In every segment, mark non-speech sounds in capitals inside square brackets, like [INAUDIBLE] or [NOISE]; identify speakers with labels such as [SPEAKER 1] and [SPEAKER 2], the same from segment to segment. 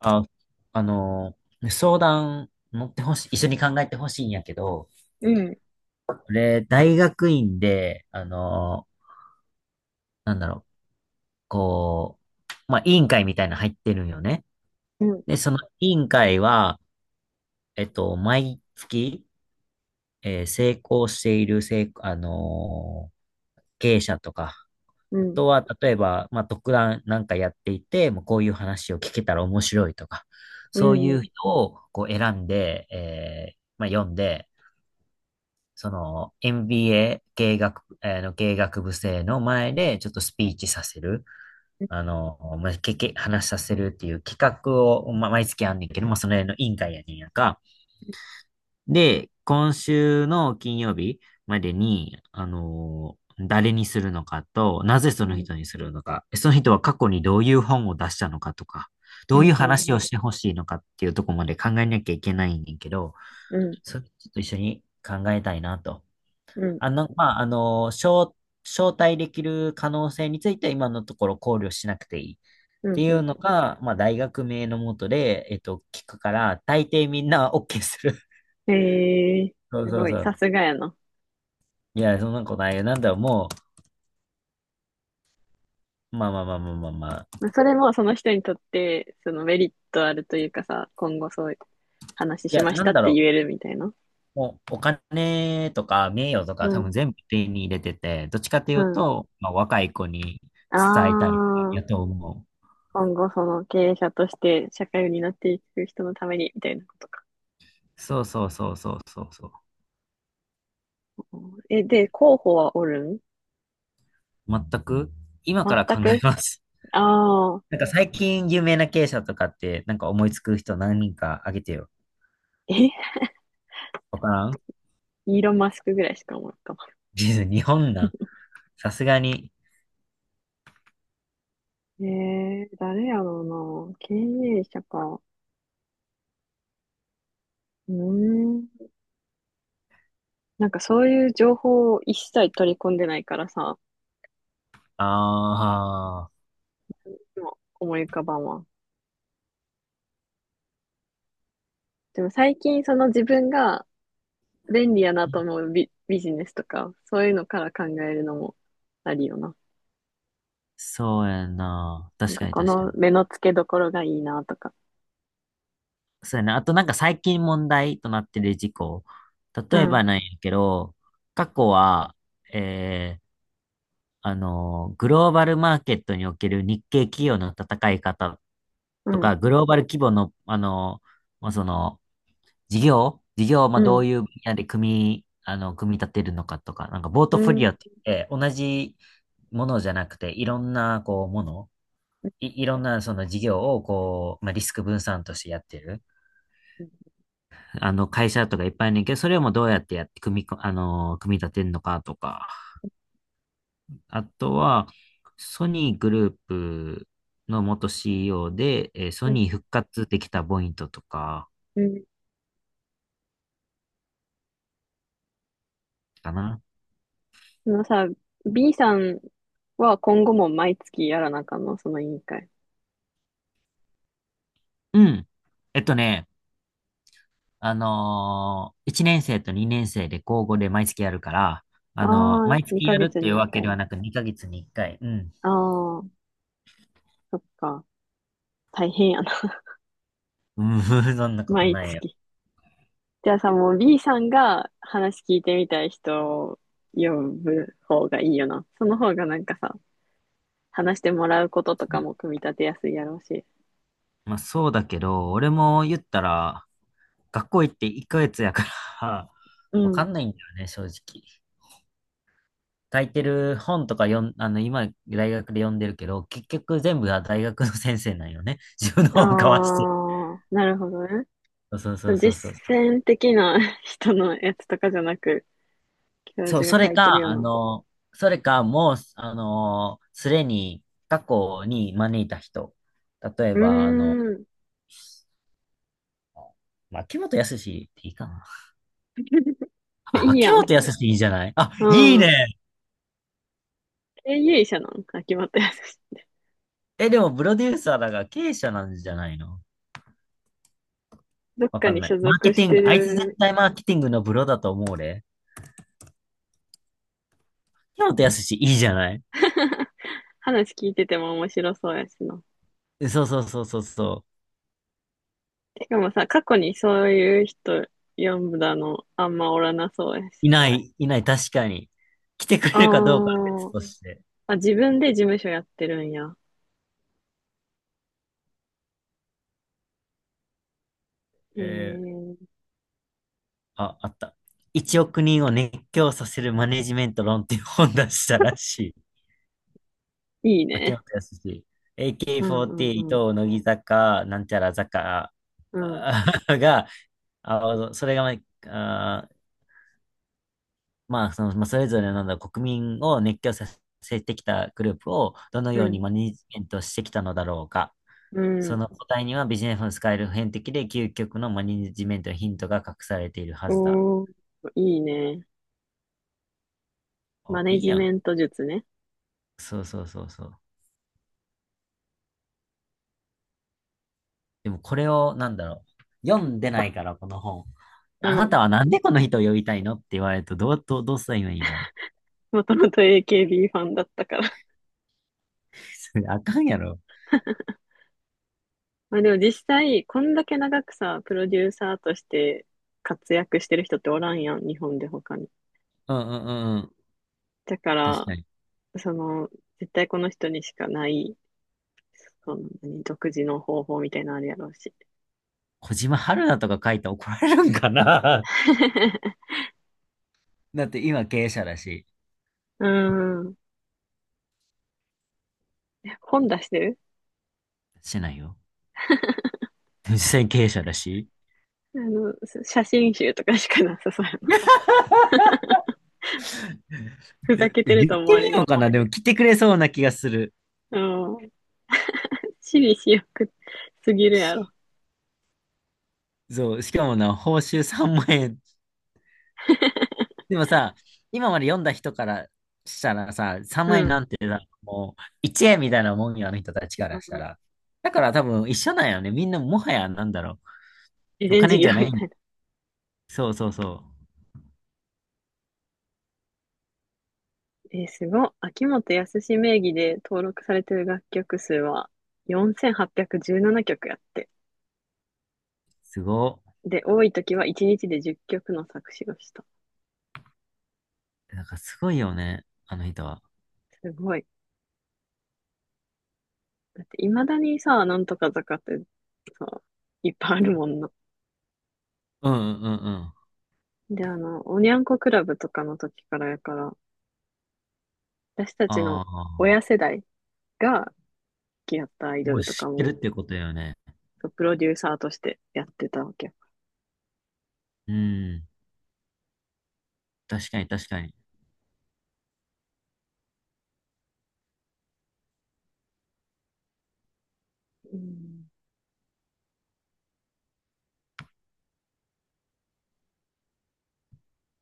[SPEAKER 1] あ、ね相談乗ってほしい、一緒に考えてほしいんやけど、
[SPEAKER 2] うん、
[SPEAKER 1] 俺、大学院で、ー、なんだろう、こ委員会みたいなの入ってるんよね。
[SPEAKER 2] うん、
[SPEAKER 1] で、その委員会は、毎月、成功している、成、あのー経営者とか、
[SPEAKER 2] う
[SPEAKER 1] あ
[SPEAKER 2] ん、
[SPEAKER 1] とは、例えば、まあ、特段なんかやっていて、もうこういう話を聞けたら面白いとか、
[SPEAKER 2] う
[SPEAKER 1] そう
[SPEAKER 2] ん、
[SPEAKER 1] い
[SPEAKER 2] うん、
[SPEAKER 1] う人をこう選んで、まあ、読んで、その n b a 経営学、の経営学部生の前でちょっとスピーチさせる、あの、まあ、話させるっていう企画を、まあ、毎月あんねんけど、まあ、その辺の委員会やねんやんか。で、今週の金曜日までに、誰にするのかと、なぜそ
[SPEAKER 2] う
[SPEAKER 1] の
[SPEAKER 2] ん、
[SPEAKER 1] 人にするのか、その人は過去にどういう本を出したのかとか、
[SPEAKER 2] う
[SPEAKER 1] どういう
[SPEAKER 2] ん、うん、
[SPEAKER 1] 話を
[SPEAKER 2] うん、
[SPEAKER 1] してほしいのかっていうところまで考えなきゃいけないんだけど、
[SPEAKER 2] うん、
[SPEAKER 1] それちょっと一緒に考えたいなと。
[SPEAKER 2] うん。
[SPEAKER 1] あの、まあ、あの、招、招待できる可能性については今のところ考慮しなくていいっ
[SPEAKER 2] う
[SPEAKER 1] て
[SPEAKER 2] ん、
[SPEAKER 1] いうのが、まあ、大学名のもとで、聞くから、大抵みんな OK する。
[SPEAKER 2] へえ、
[SPEAKER 1] [LAUGHS] そう
[SPEAKER 2] す
[SPEAKER 1] そう
[SPEAKER 2] ご
[SPEAKER 1] そ
[SPEAKER 2] い、さ
[SPEAKER 1] う。
[SPEAKER 2] すがやな。
[SPEAKER 1] いや、そんなことないよ。まあまあまあまあまあまあ。
[SPEAKER 2] まあそれもその人にとって、そのメリットあるというかさ、今後そういう話
[SPEAKER 1] い
[SPEAKER 2] し
[SPEAKER 1] や、
[SPEAKER 2] まし
[SPEAKER 1] な
[SPEAKER 2] た
[SPEAKER 1] ん
[SPEAKER 2] っ
[SPEAKER 1] だ
[SPEAKER 2] て
[SPEAKER 1] ろ
[SPEAKER 2] 言えるみたいな。
[SPEAKER 1] お金とか名誉とか
[SPEAKER 2] う
[SPEAKER 1] 多分
[SPEAKER 2] ん、
[SPEAKER 1] 全部手に入れてて、どっちかとい
[SPEAKER 2] う
[SPEAKER 1] う
[SPEAKER 2] ん。
[SPEAKER 1] と、まあ、若い子に
[SPEAKER 2] あ
[SPEAKER 1] 伝えたい
[SPEAKER 2] あ、
[SPEAKER 1] やと思う。
[SPEAKER 2] 今後その経営者として社会を担っていく人のために、みたいなことか。
[SPEAKER 1] そうそうそうそうそうそう。
[SPEAKER 2] え、で、候補はおるん？
[SPEAKER 1] 全く、今から
[SPEAKER 2] 全
[SPEAKER 1] 考え
[SPEAKER 2] く。
[SPEAKER 1] ます。
[SPEAKER 2] ああー、
[SPEAKER 1] なんか最近有名な経営者とかって、なんか思いつく人何人かあげてよ。
[SPEAKER 2] え、
[SPEAKER 1] わからん
[SPEAKER 2] イーロン・マスクぐらいしか思う。
[SPEAKER 1] 実 [LAUGHS] 日本な。さすがに。
[SPEAKER 2] えー、誰やろうな。経営者か。うーん。なんかそういう情報を一切取り込んでないからさ、
[SPEAKER 1] ああ、
[SPEAKER 2] でも思い浮かばんわ。でも最近その自分が便利やなと思うビジネスとか、そういうのから考えるのもありよな。
[SPEAKER 1] そうやな。
[SPEAKER 2] なん
[SPEAKER 1] 確
[SPEAKER 2] か
[SPEAKER 1] かに
[SPEAKER 2] こ
[SPEAKER 1] 確か
[SPEAKER 2] の
[SPEAKER 1] に。
[SPEAKER 2] 目の付けどころがいいなとか。
[SPEAKER 1] そうやな。あとなんか最近問題となってる事故。
[SPEAKER 2] う
[SPEAKER 1] 例えば
[SPEAKER 2] ん、
[SPEAKER 1] なんやけど、過去は、えー、グローバルマーケットにおける日系企業の戦い方
[SPEAKER 2] う
[SPEAKER 1] と
[SPEAKER 2] ん、
[SPEAKER 1] か、グローバル規模の、あの、まあ、その、事業を、まあ、
[SPEAKER 2] う
[SPEAKER 1] どう
[SPEAKER 2] ん、
[SPEAKER 1] いう分野で組み立てるのかとか、なんか、ボート
[SPEAKER 2] う
[SPEAKER 1] フォリ
[SPEAKER 2] ん、
[SPEAKER 1] オって言って、同じものじゃなくて、いろんな、こう、もの、いろんな、その事業を、こう、まあ、リスク分散としてやってる、あの、会社とかいっぱいあるねんけど、それをもうどうやってやって組み立てるのかとか、あとは、ソニーグループの元 CEO で、ソ
[SPEAKER 2] うん、
[SPEAKER 1] ニー復活できたポイントとか、
[SPEAKER 2] うん。
[SPEAKER 1] かな。
[SPEAKER 2] そのさ、B さんは今後も毎月やらなあかんの、その委員会？
[SPEAKER 1] うん。えっとね、1年生と2年生で交互で毎月やるから、
[SPEAKER 2] ああ、
[SPEAKER 1] 毎月
[SPEAKER 2] 2
[SPEAKER 1] や
[SPEAKER 2] ヶ
[SPEAKER 1] るっ
[SPEAKER 2] 月
[SPEAKER 1] てい
[SPEAKER 2] に
[SPEAKER 1] う
[SPEAKER 2] 1
[SPEAKER 1] わけでは
[SPEAKER 2] 回。
[SPEAKER 1] なく2ヶ月に1回。うん。
[SPEAKER 2] ああ、そっか。大変やな。[LAUGHS]
[SPEAKER 1] うん、[LAUGHS] そんなこと
[SPEAKER 2] 毎
[SPEAKER 1] ないよ。
[SPEAKER 2] 月。じゃあさ、もう B さんが話聞いてみたい人を呼ぶ方がいいよな。その方がなんかさ、話してもらうこととかも組み立てやすいやろうし。
[SPEAKER 1] まあそうだけど、俺も言ったら、学校行って1ヶ月やから
[SPEAKER 2] う
[SPEAKER 1] [LAUGHS] わか
[SPEAKER 2] ん。
[SPEAKER 1] んないんだよね、正直。書いてる本とか読ん、あの、今、大学で読んでるけど、結局全部は大学の先生なんよね。[LAUGHS] 自分の
[SPEAKER 2] あ
[SPEAKER 1] 本交わして。
[SPEAKER 2] あ、なるほどね。
[SPEAKER 1] そう
[SPEAKER 2] そ
[SPEAKER 1] そう
[SPEAKER 2] う
[SPEAKER 1] そうそ
[SPEAKER 2] 実
[SPEAKER 1] うそう。
[SPEAKER 2] 践的な [LAUGHS] 人のやつとかじゃなく、教
[SPEAKER 1] そう、
[SPEAKER 2] 授が
[SPEAKER 1] それ
[SPEAKER 2] 書いて
[SPEAKER 1] か、
[SPEAKER 2] るよう
[SPEAKER 1] あ
[SPEAKER 2] な。
[SPEAKER 1] の、それか、もう、あの、すでに過去に招いた人。例え
[SPEAKER 2] う
[SPEAKER 1] ば、あの、
[SPEAKER 2] ーん。
[SPEAKER 1] まあ、秋元康っていいかな。あ、
[SPEAKER 2] いい
[SPEAKER 1] 秋
[SPEAKER 2] やん。
[SPEAKER 1] 元康いいじゃないあ、
[SPEAKER 2] う
[SPEAKER 1] いい
[SPEAKER 2] ん。
[SPEAKER 1] ね。
[SPEAKER 2] 経営者なん秋元康。
[SPEAKER 1] え、でも、プロデューサーだが経営者なんじゃないの
[SPEAKER 2] どっ
[SPEAKER 1] わ
[SPEAKER 2] か
[SPEAKER 1] かん
[SPEAKER 2] に
[SPEAKER 1] な
[SPEAKER 2] 所
[SPEAKER 1] い。マーケ
[SPEAKER 2] 属し
[SPEAKER 1] ティン
[SPEAKER 2] て
[SPEAKER 1] グ、あいつ絶
[SPEAKER 2] る。
[SPEAKER 1] 対マーケティングのプロだと思うで。秋元康いいじゃない
[SPEAKER 2] [LAUGHS] 話聞いてても面白そうやしな。
[SPEAKER 1] えそうそうそうそうそ
[SPEAKER 2] てかもさ、過去にそういう人読んだのあんまおらなそうやし。
[SPEAKER 1] う。いない、いない、確かに。来てく
[SPEAKER 2] あ
[SPEAKER 1] れるかどうかは別
[SPEAKER 2] ー、
[SPEAKER 1] として。
[SPEAKER 2] あ、自分で事務所やってるんや。え
[SPEAKER 1] えー
[SPEAKER 2] ー、
[SPEAKER 1] あ、あった。1億人を熱狂させるマネジメント論っていう本出したらしい。
[SPEAKER 2] いい
[SPEAKER 1] 秋
[SPEAKER 2] ね。
[SPEAKER 1] 元康。
[SPEAKER 2] うんうんうん。
[SPEAKER 1] AK48、乃木坂、なんちゃら坂
[SPEAKER 2] うん
[SPEAKER 1] あー [LAUGHS] が、あ、それがま、あー、まあ、その、まあ、それぞれのなんだ国民を熱狂させてきたグループをどの
[SPEAKER 2] う
[SPEAKER 1] ように
[SPEAKER 2] ん
[SPEAKER 1] マネジメントしてきたのだろうか。
[SPEAKER 2] う
[SPEAKER 1] そ
[SPEAKER 2] ん。
[SPEAKER 1] の答えにはビジネスの使える普遍的で究極のマネジメントのヒントが隠されているはずだ。
[SPEAKER 2] おー、いいね。
[SPEAKER 1] お、
[SPEAKER 2] マネ
[SPEAKER 1] いい
[SPEAKER 2] ジ
[SPEAKER 1] やん。
[SPEAKER 2] メント術ね。
[SPEAKER 1] そうそうそうそう。でもこれを、なんだろう。読んでないから、この本。
[SPEAKER 2] う
[SPEAKER 1] あな
[SPEAKER 2] ん。
[SPEAKER 1] たはなんでこの人を呼びたいのって言われると、どうすればいいんだろう。
[SPEAKER 2] もともと AKB ファンだったから。
[SPEAKER 1] [LAUGHS] それあかんやろ。
[SPEAKER 2] [LAUGHS] まあでも実際、こんだけ長くさ、プロデューサーとして活躍してる人っておらんやん、日本で他に。
[SPEAKER 1] うんうんうんうん。
[SPEAKER 2] だか
[SPEAKER 1] 確
[SPEAKER 2] ら、
[SPEAKER 1] かに。
[SPEAKER 2] その、絶対この人にしかない、その、何独自の方法みたいなのあるやろうし。
[SPEAKER 1] 小島春菜とか書いて怒られるんかな
[SPEAKER 2] [LAUGHS]
[SPEAKER 1] [LAUGHS] だって今経営者だし。
[SPEAKER 2] うん。本出してる。
[SPEAKER 1] してないよ。実際に経営者だし。
[SPEAKER 2] あの、写真集とかしかなさそうやな。
[SPEAKER 1] [LAUGHS]
[SPEAKER 2] [LAUGHS] ふ
[SPEAKER 1] 言
[SPEAKER 2] ざ
[SPEAKER 1] っ
[SPEAKER 2] けて
[SPEAKER 1] て
[SPEAKER 2] る
[SPEAKER 1] み
[SPEAKER 2] と思われ
[SPEAKER 1] よう
[SPEAKER 2] る。
[SPEAKER 1] かな。でも来てくれそうな気がする。
[SPEAKER 2] うん。私利私欲すぎるやろ。
[SPEAKER 1] しそう。しかもな、報酬3万円でもさ、今まで読んだ人からしたらさ、3
[SPEAKER 2] う
[SPEAKER 1] 万円
[SPEAKER 2] ん。
[SPEAKER 1] なんてさ、もう1円みたいなもんよ、あの人たちか
[SPEAKER 2] う
[SPEAKER 1] らした
[SPEAKER 2] ん、
[SPEAKER 1] ら。だから多分一緒なんよね。みんなもはやなんだろ
[SPEAKER 2] 慈
[SPEAKER 1] う。お
[SPEAKER 2] 善事
[SPEAKER 1] 金
[SPEAKER 2] 業
[SPEAKER 1] じゃな
[SPEAKER 2] み
[SPEAKER 1] い。
[SPEAKER 2] たい。
[SPEAKER 1] そうそうそう。
[SPEAKER 2] えーすごい。秋元康名義で登録されてる楽曲数は4817曲やって。
[SPEAKER 1] すご。
[SPEAKER 2] で、多い時は1日で10曲の作詞をした。
[SPEAKER 1] なんかすごいよね、あの人は。
[SPEAKER 2] すごい。だって未だにさ、なんとか坂ってさ、いっぱいあるもんな。
[SPEAKER 1] うんうんうんうん。
[SPEAKER 2] で、あの、おにゃんこクラブとかの時からやから、私たちの
[SPEAKER 1] ああ、
[SPEAKER 2] 親世代が好きやったアイド
[SPEAKER 1] もう
[SPEAKER 2] ルと
[SPEAKER 1] 知
[SPEAKER 2] か
[SPEAKER 1] って
[SPEAKER 2] も、
[SPEAKER 1] るってことだよね。
[SPEAKER 2] そうプロデューサーとしてやってたわけ。
[SPEAKER 1] うん。確かに確かに。
[SPEAKER 2] ようん。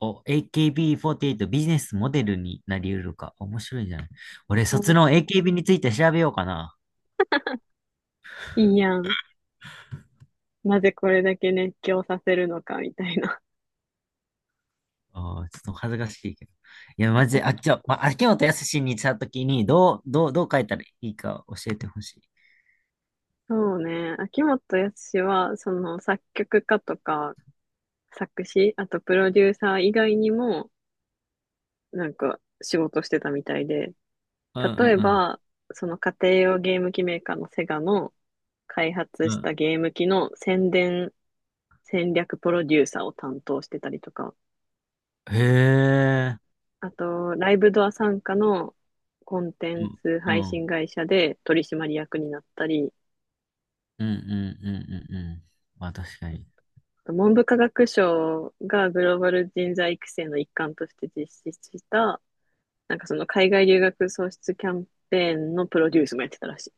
[SPEAKER 1] お、AKB48 ビーフォーティーエイトビジネスモデルになり得るか。面白いじゃない。俺、卒
[SPEAKER 2] あ、
[SPEAKER 1] 論 AKB について調べようかな。
[SPEAKER 2] いいやん。なぜこれだけ熱狂させるのか、みたいな。
[SPEAKER 1] ああ、ちょっと恥ずかしいけど。いや、マジで、あっちは、まあ、秋元康にしたときに、どう書いたらいいか教えてほしい。
[SPEAKER 2] [LAUGHS] そうね。秋元康は、その作曲家とか作詞、あとプロデューサー以外にも、なんか仕事してたみたいで、
[SPEAKER 1] うん
[SPEAKER 2] 例え
[SPEAKER 1] うん
[SPEAKER 2] ば、その家庭用ゲーム機メーカーのセガの開発
[SPEAKER 1] うん。う
[SPEAKER 2] し
[SPEAKER 1] ん。
[SPEAKER 2] たゲーム機の宣伝戦略プロデューサーを担当してたりとか、
[SPEAKER 1] へえ。
[SPEAKER 2] あと、ライブドア傘下のコンテ
[SPEAKER 1] う
[SPEAKER 2] ン
[SPEAKER 1] ん。
[SPEAKER 2] ツ
[SPEAKER 1] う
[SPEAKER 2] 配
[SPEAKER 1] ん。
[SPEAKER 2] 信会社で取締役になったり、
[SPEAKER 1] うんうんうんうんうん。まあ、確かに。
[SPEAKER 2] 文部科学省がグローバル人材育成の一環として実施した、なんかその海外留学創出キャンペーンのプロデュースもやってたらしい。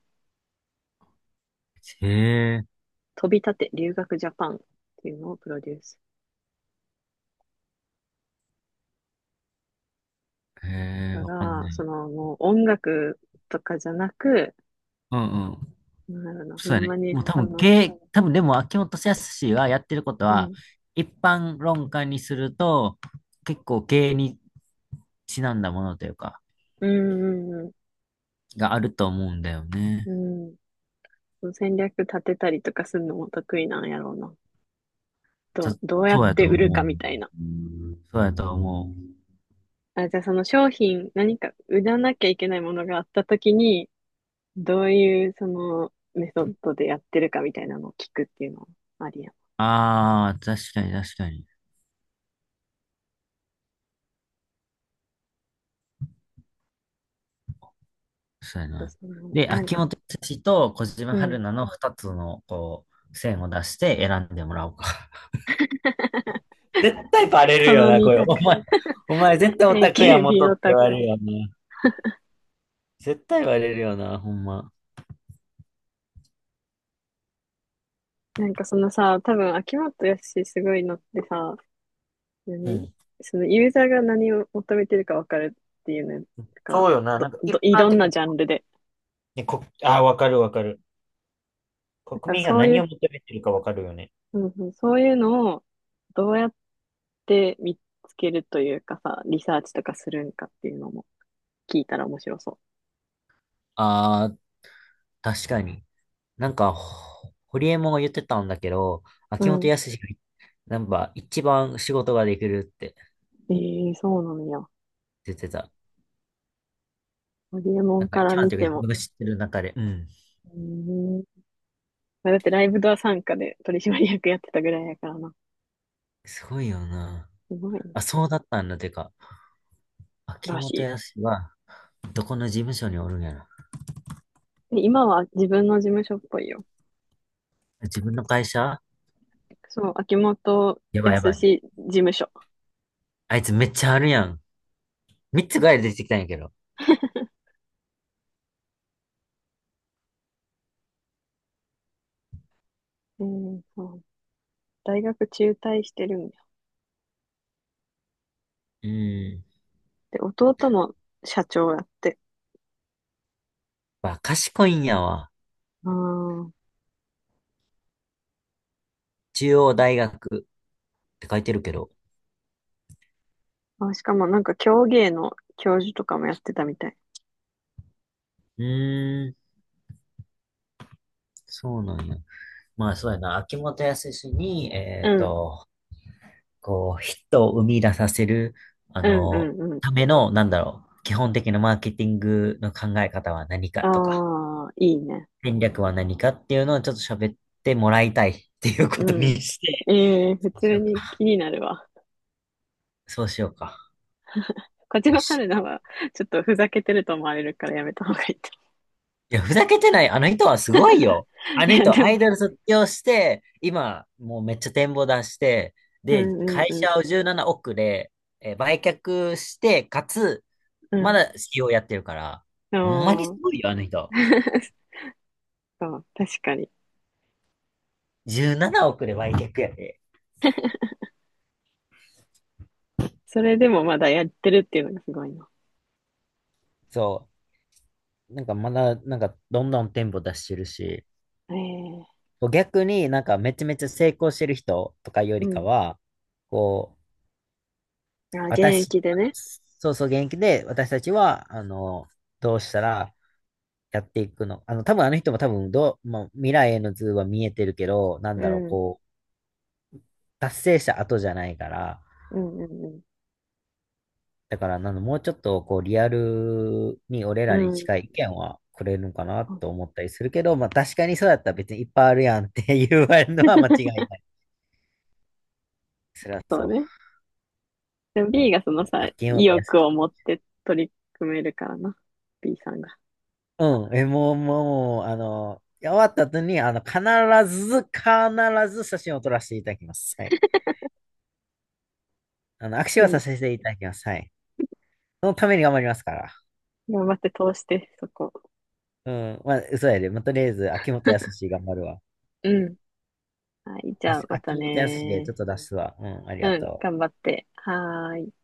[SPEAKER 1] へえ。
[SPEAKER 2] 飛び立て留学ジャパンっていうのをプロデュース。
[SPEAKER 1] へえ、
[SPEAKER 2] か
[SPEAKER 1] わかん
[SPEAKER 2] ら、
[SPEAKER 1] な
[SPEAKER 2] そ
[SPEAKER 1] い。
[SPEAKER 2] のもう音楽とかじゃなく、
[SPEAKER 1] うんうん。
[SPEAKER 2] なんだろうな、ほ
[SPEAKER 1] そ
[SPEAKER 2] ん
[SPEAKER 1] うやね。
[SPEAKER 2] まに
[SPEAKER 1] もう多
[SPEAKER 2] そ
[SPEAKER 1] 分、
[SPEAKER 2] の、
[SPEAKER 1] 経、多分でも、秋元康はやってること
[SPEAKER 2] う
[SPEAKER 1] は、
[SPEAKER 2] ん、
[SPEAKER 1] 一般論家にすると、結構経営にちなんだものというか、
[SPEAKER 2] うん、うん、
[SPEAKER 1] があると思うんだよね。
[SPEAKER 2] うん、うん、その戦略立てたりとかするのも得意なんやろうな。
[SPEAKER 1] さ
[SPEAKER 2] どうや
[SPEAKER 1] そ
[SPEAKER 2] っ
[SPEAKER 1] うやと
[SPEAKER 2] て売る
[SPEAKER 1] 思
[SPEAKER 2] かみた
[SPEAKER 1] う。
[SPEAKER 2] いな。
[SPEAKER 1] そうやと思う。
[SPEAKER 2] あ、じゃあその商品、何か売らなきゃいけないものがあったときに、どういうそのメソッドでやってるかみたいなのを聞くっていうのもありやん。あ
[SPEAKER 1] ああ、確かに確かに。そうや
[SPEAKER 2] と
[SPEAKER 1] な。
[SPEAKER 2] その、
[SPEAKER 1] で、
[SPEAKER 2] なん
[SPEAKER 1] 秋
[SPEAKER 2] かさ、
[SPEAKER 1] 元康と小
[SPEAKER 2] う
[SPEAKER 1] 島春
[SPEAKER 2] ん、
[SPEAKER 1] 菜の二つの、こう、線を出して選んでもらおうか。[LAUGHS] 絶対バレる
[SPEAKER 2] そ
[SPEAKER 1] よ
[SPEAKER 2] の
[SPEAKER 1] な、
[SPEAKER 2] 2
[SPEAKER 1] これ。
[SPEAKER 2] 択。
[SPEAKER 1] お前、[LAUGHS] お前絶対オタクや元
[SPEAKER 2] AKB
[SPEAKER 1] っ
[SPEAKER 2] オ
[SPEAKER 1] て言
[SPEAKER 2] タ
[SPEAKER 1] われ
[SPEAKER 2] ク。
[SPEAKER 1] るよな。絶対バレるよな、ほんま。
[SPEAKER 2] なんかそのさ、多分秋元康すごいのってさ、
[SPEAKER 1] う
[SPEAKER 2] 何
[SPEAKER 1] ん。
[SPEAKER 2] そのユーザーが何を求めてるか分かるっていうのが、
[SPEAKER 1] そうよな、なんか一
[SPEAKER 2] い
[SPEAKER 1] 般
[SPEAKER 2] ろん
[SPEAKER 1] 的
[SPEAKER 2] な
[SPEAKER 1] に、
[SPEAKER 2] ジャンルで。
[SPEAKER 1] ああ、わかるわかる。
[SPEAKER 2] だか
[SPEAKER 1] 国
[SPEAKER 2] ら
[SPEAKER 1] 民が
[SPEAKER 2] そうい
[SPEAKER 1] 何
[SPEAKER 2] う、
[SPEAKER 1] を求めてるかわかるよね。
[SPEAKER 2] うんうん、そういうのをどうやって見つけるというかさ、リサーチとかするんかっていうのも聞いたら面白そ
[SPEAKER 1] ああ、確かに。なんか、ホリエモンが言ってたんだけど、
[SPEAKER 2] う。う
[SPEAKER 1] 秋元
[SPEAKER 2] ん。
[SPEAKER 1] 康が、なんか、一番仕事ができるって
[SPEAKER 2] ええそうなのよ。
[SPEAKER 1] 言ってた。
[SPEAKER 2] ホリエモ
[SPEAKER 1] な
[SPEAKER 2] ン
[SPEAKER 1] んか、
[SPEAKER 2] から
[SPEAKER 1] 一番
[SPEAKER 2] 見
[SPEAKER 1] というか、
[SPEAKER 2] て
[SPEAKER 1] 自
[SPEAKER 2] も。
[SPEAKER 1] 分が知ってる中で。うん。
[SPEAKER 2] うん。まあだってライブドア参加で取締役やってたぐらいやからな。
[SPEAKER 1] すごいよな。
[SPEAKER 2] すごい
[SPEAKER 1] あ、
[SPEAKER 2] な。
[SPEAKER 1] そうだったんだ。てか、秋
[SPEAKER 2] らし
[SPEAKER 1] 元
[SPEAKER 2] い。
[SPEAKER 1] 康は、どこの事務所におるんやろ。
[SPEAKER 2] で今は自分の事務所っぽいよ。
[SPEAKER 1] 自分の会社
[SPEAKER 2] そう、秋元
[SPEAKER 1] やばいや
[SPEAKER 2] 康
[SPEAKER 1] ばい。
[SPEAKER 2] 事務所。
[SPEAKER 1] あいつめっちゃあるやん。三つぐらい出てきたんやけど。
[SPEAKER 2] うん、そう。大学中退してるんだよ。
[SPEAKER 1] うん。
[SPEAKER 2] で、弟も社長やって。
[SPEAKER 1] わ、賢いんやわ。
[SPEAKER 2] あー、
[SPEAKER 1] 中央大学って書いてるけど。
[SPEAKER 2] あ、しかもなんか教芸の教授とかもやってたみたい。
[SPEAKER 1] うーん、そうなんや。まあそうやな、秋元康に、
[SPEAKER 2] うん、
[SPEAKER 1] こう、ヒットを生み出させる、あ
[SPEAKER 2] うん、う
[SPEAKER 1] の、
[SPEAKER 2] ん、うん。
[SPEAKER 1] ための、なんだろう、基本的なマーケティングの考え方は何か
[SPEAKER 2] あ
[SPEAKER 1] とか、
[SPEAKER 2] あ、いいね。
[SPEAKER 1] 戦略は何かっていうのをちょっと喋ってもらいたいっていうこと
[SPEAKER 2] うん。
[SPEAKER 1] にして、
[SPEAKER 2] ええ普
[SPEAKER 1] そうし
[SPEAKER 2] 通
[SPEAKER 1] よう
[SPEAKER 2] に
[SPEAKER 1] か。
[SPEAKER 2] 気になるわ。
[SPEAKER 1] そうしようか。
[SPEAKER 2] 小
[SPEAKER 1] よ
[SPEAKER 2] 島
[SPEAKER 1] し。
[SPEAKER 2] 春菜は、ちょっとふざけてると思われるからやめた方がいいと。
[SPEAKER 1] いや、ふざけてない。あの人はすごいよ。
[SPEAKER 2] [LAUGHS]
[SPEAKER 1] あ
[SPEAKER 2] い
[SPEAKER 1] の
[SPEAKER 2] や、
[SPEAKER 1] 人、
[SPEAKER 2] で
[SPEAKER 1] アイ
[SPEAKER 2] も、
[SPEAKER 1] ドル卒業して、今、もうめっちゃ展望出して、
[SPEAKER 2] う
[SPEAKER 1] で、
[SPEAKER 2] ん、うん、
[SPEAKER 1] 会
[SPEAKER 2] うん、
[SPEAKER 1] 社を17億で、売却して、かつ、まだ c e やってるから、ほんまにす
[SPEAKER 2] うん。ああ
[SPEAKER 1] ごいよ、あの人。
[SPEAKER 2] [LAUGHS] そう、確かに。
[SPEAKER 1] 17億で売却やで。
[SPEAKER 2] それでもまだやってるっていうのがすごいな。
[SPEAKER 1] そう。なんかまだ、なんかどんどん店舗出してるし、
[SPEAKER 2] ええ、
[SPEAKER 1] 逆になんかめちゃめちゃ成功してる人とかよ
[SPEAKER 2] う
[SPEAKER 1] りか
[SPEAKER 2] ん。
[SPEAKER 1] は、こう、
[SPEAKER 2] あ、現
[SPEAKER 1] 私、
[SPEAKER 2] 役でね。
[SPEAKER 1] そうそう現役で私たちは、あの、どうしたらやっていくの。あの、多分あの人も多分どう、まあ、未来への図は見えてるけど、なん
[SPEAKER 2] う
[SPEAKER 1] だろう、
[SPEAKER 2] ん。
[SPEAKER 1] こう、達成した後じゃないから、
[SPEAKER 2] うんうん
[SPEAKER 1] だから、なんだもうちょっと、こう、リアルに俺
[SPEAKER 2] う
[SPEAKER 1] らに
[SPEAKER 2] ん。う
[SPEAKER 1] 近い意
[SPEAKER 2] ん。
[SPEAKER 1] 見はくれるのかな
[SPEAKER 2] そう、
[SPEAKER 1] と思ったりするけど、まあ、確かにそうだったら別にいっぱいあるやんって言われるのは間違いない。そりゃ
[SPEAKER 2] そう
[SPEAKER 1] そ
[SPEAKER 2] ね。でも
[SPEAKER 1] う。う
[SPEAKER 2] B
[SPEAKER 1] ん。
[SPEAKER 2] がそ
[SPEAKER 1] う
[SPEAKER 2] の
[SPEAKER 1] ん。
[SPEAKER 2] さ、
[SPEAKER 1] あ、金曜
[SPEAKER 2] 意
[SPEAKER 1] と安
[SPEAKER 2] 欲を持
[SPEAKER 1] い。
[SPEAKER 2] って取り組めるからな。B さんが。
[SPEAKER 1] うん。え、もう、もう、あの、終わった後に、あの、必ず写真を撮らせていただきます。はい。あの、握手
[SPEAKER 2] う
[SPEAKER 1] はさ
[SPEAKER 2] ん。
[SPEAKER 1] せていただきます。はい。そのために頑張りますから。
[SPEAKER 2] 頑張って通して、そこ。
[SPEAKER 1] うん。まあ、嘘やで。まあ、とりあえず、秋元康頑張るわ。
[SPEAKER 2] うん。はい。じゃあ、また
[SPEAKER 1] 秋元康でち
[SPEAKER 2] ね。
[SPEAKER 1] ょっと出すわ。うん。ありが
[SPEAKER 2] うん。
[SPEAKER 1] とう。
[SPEAKER 2] 頑張って。はーい。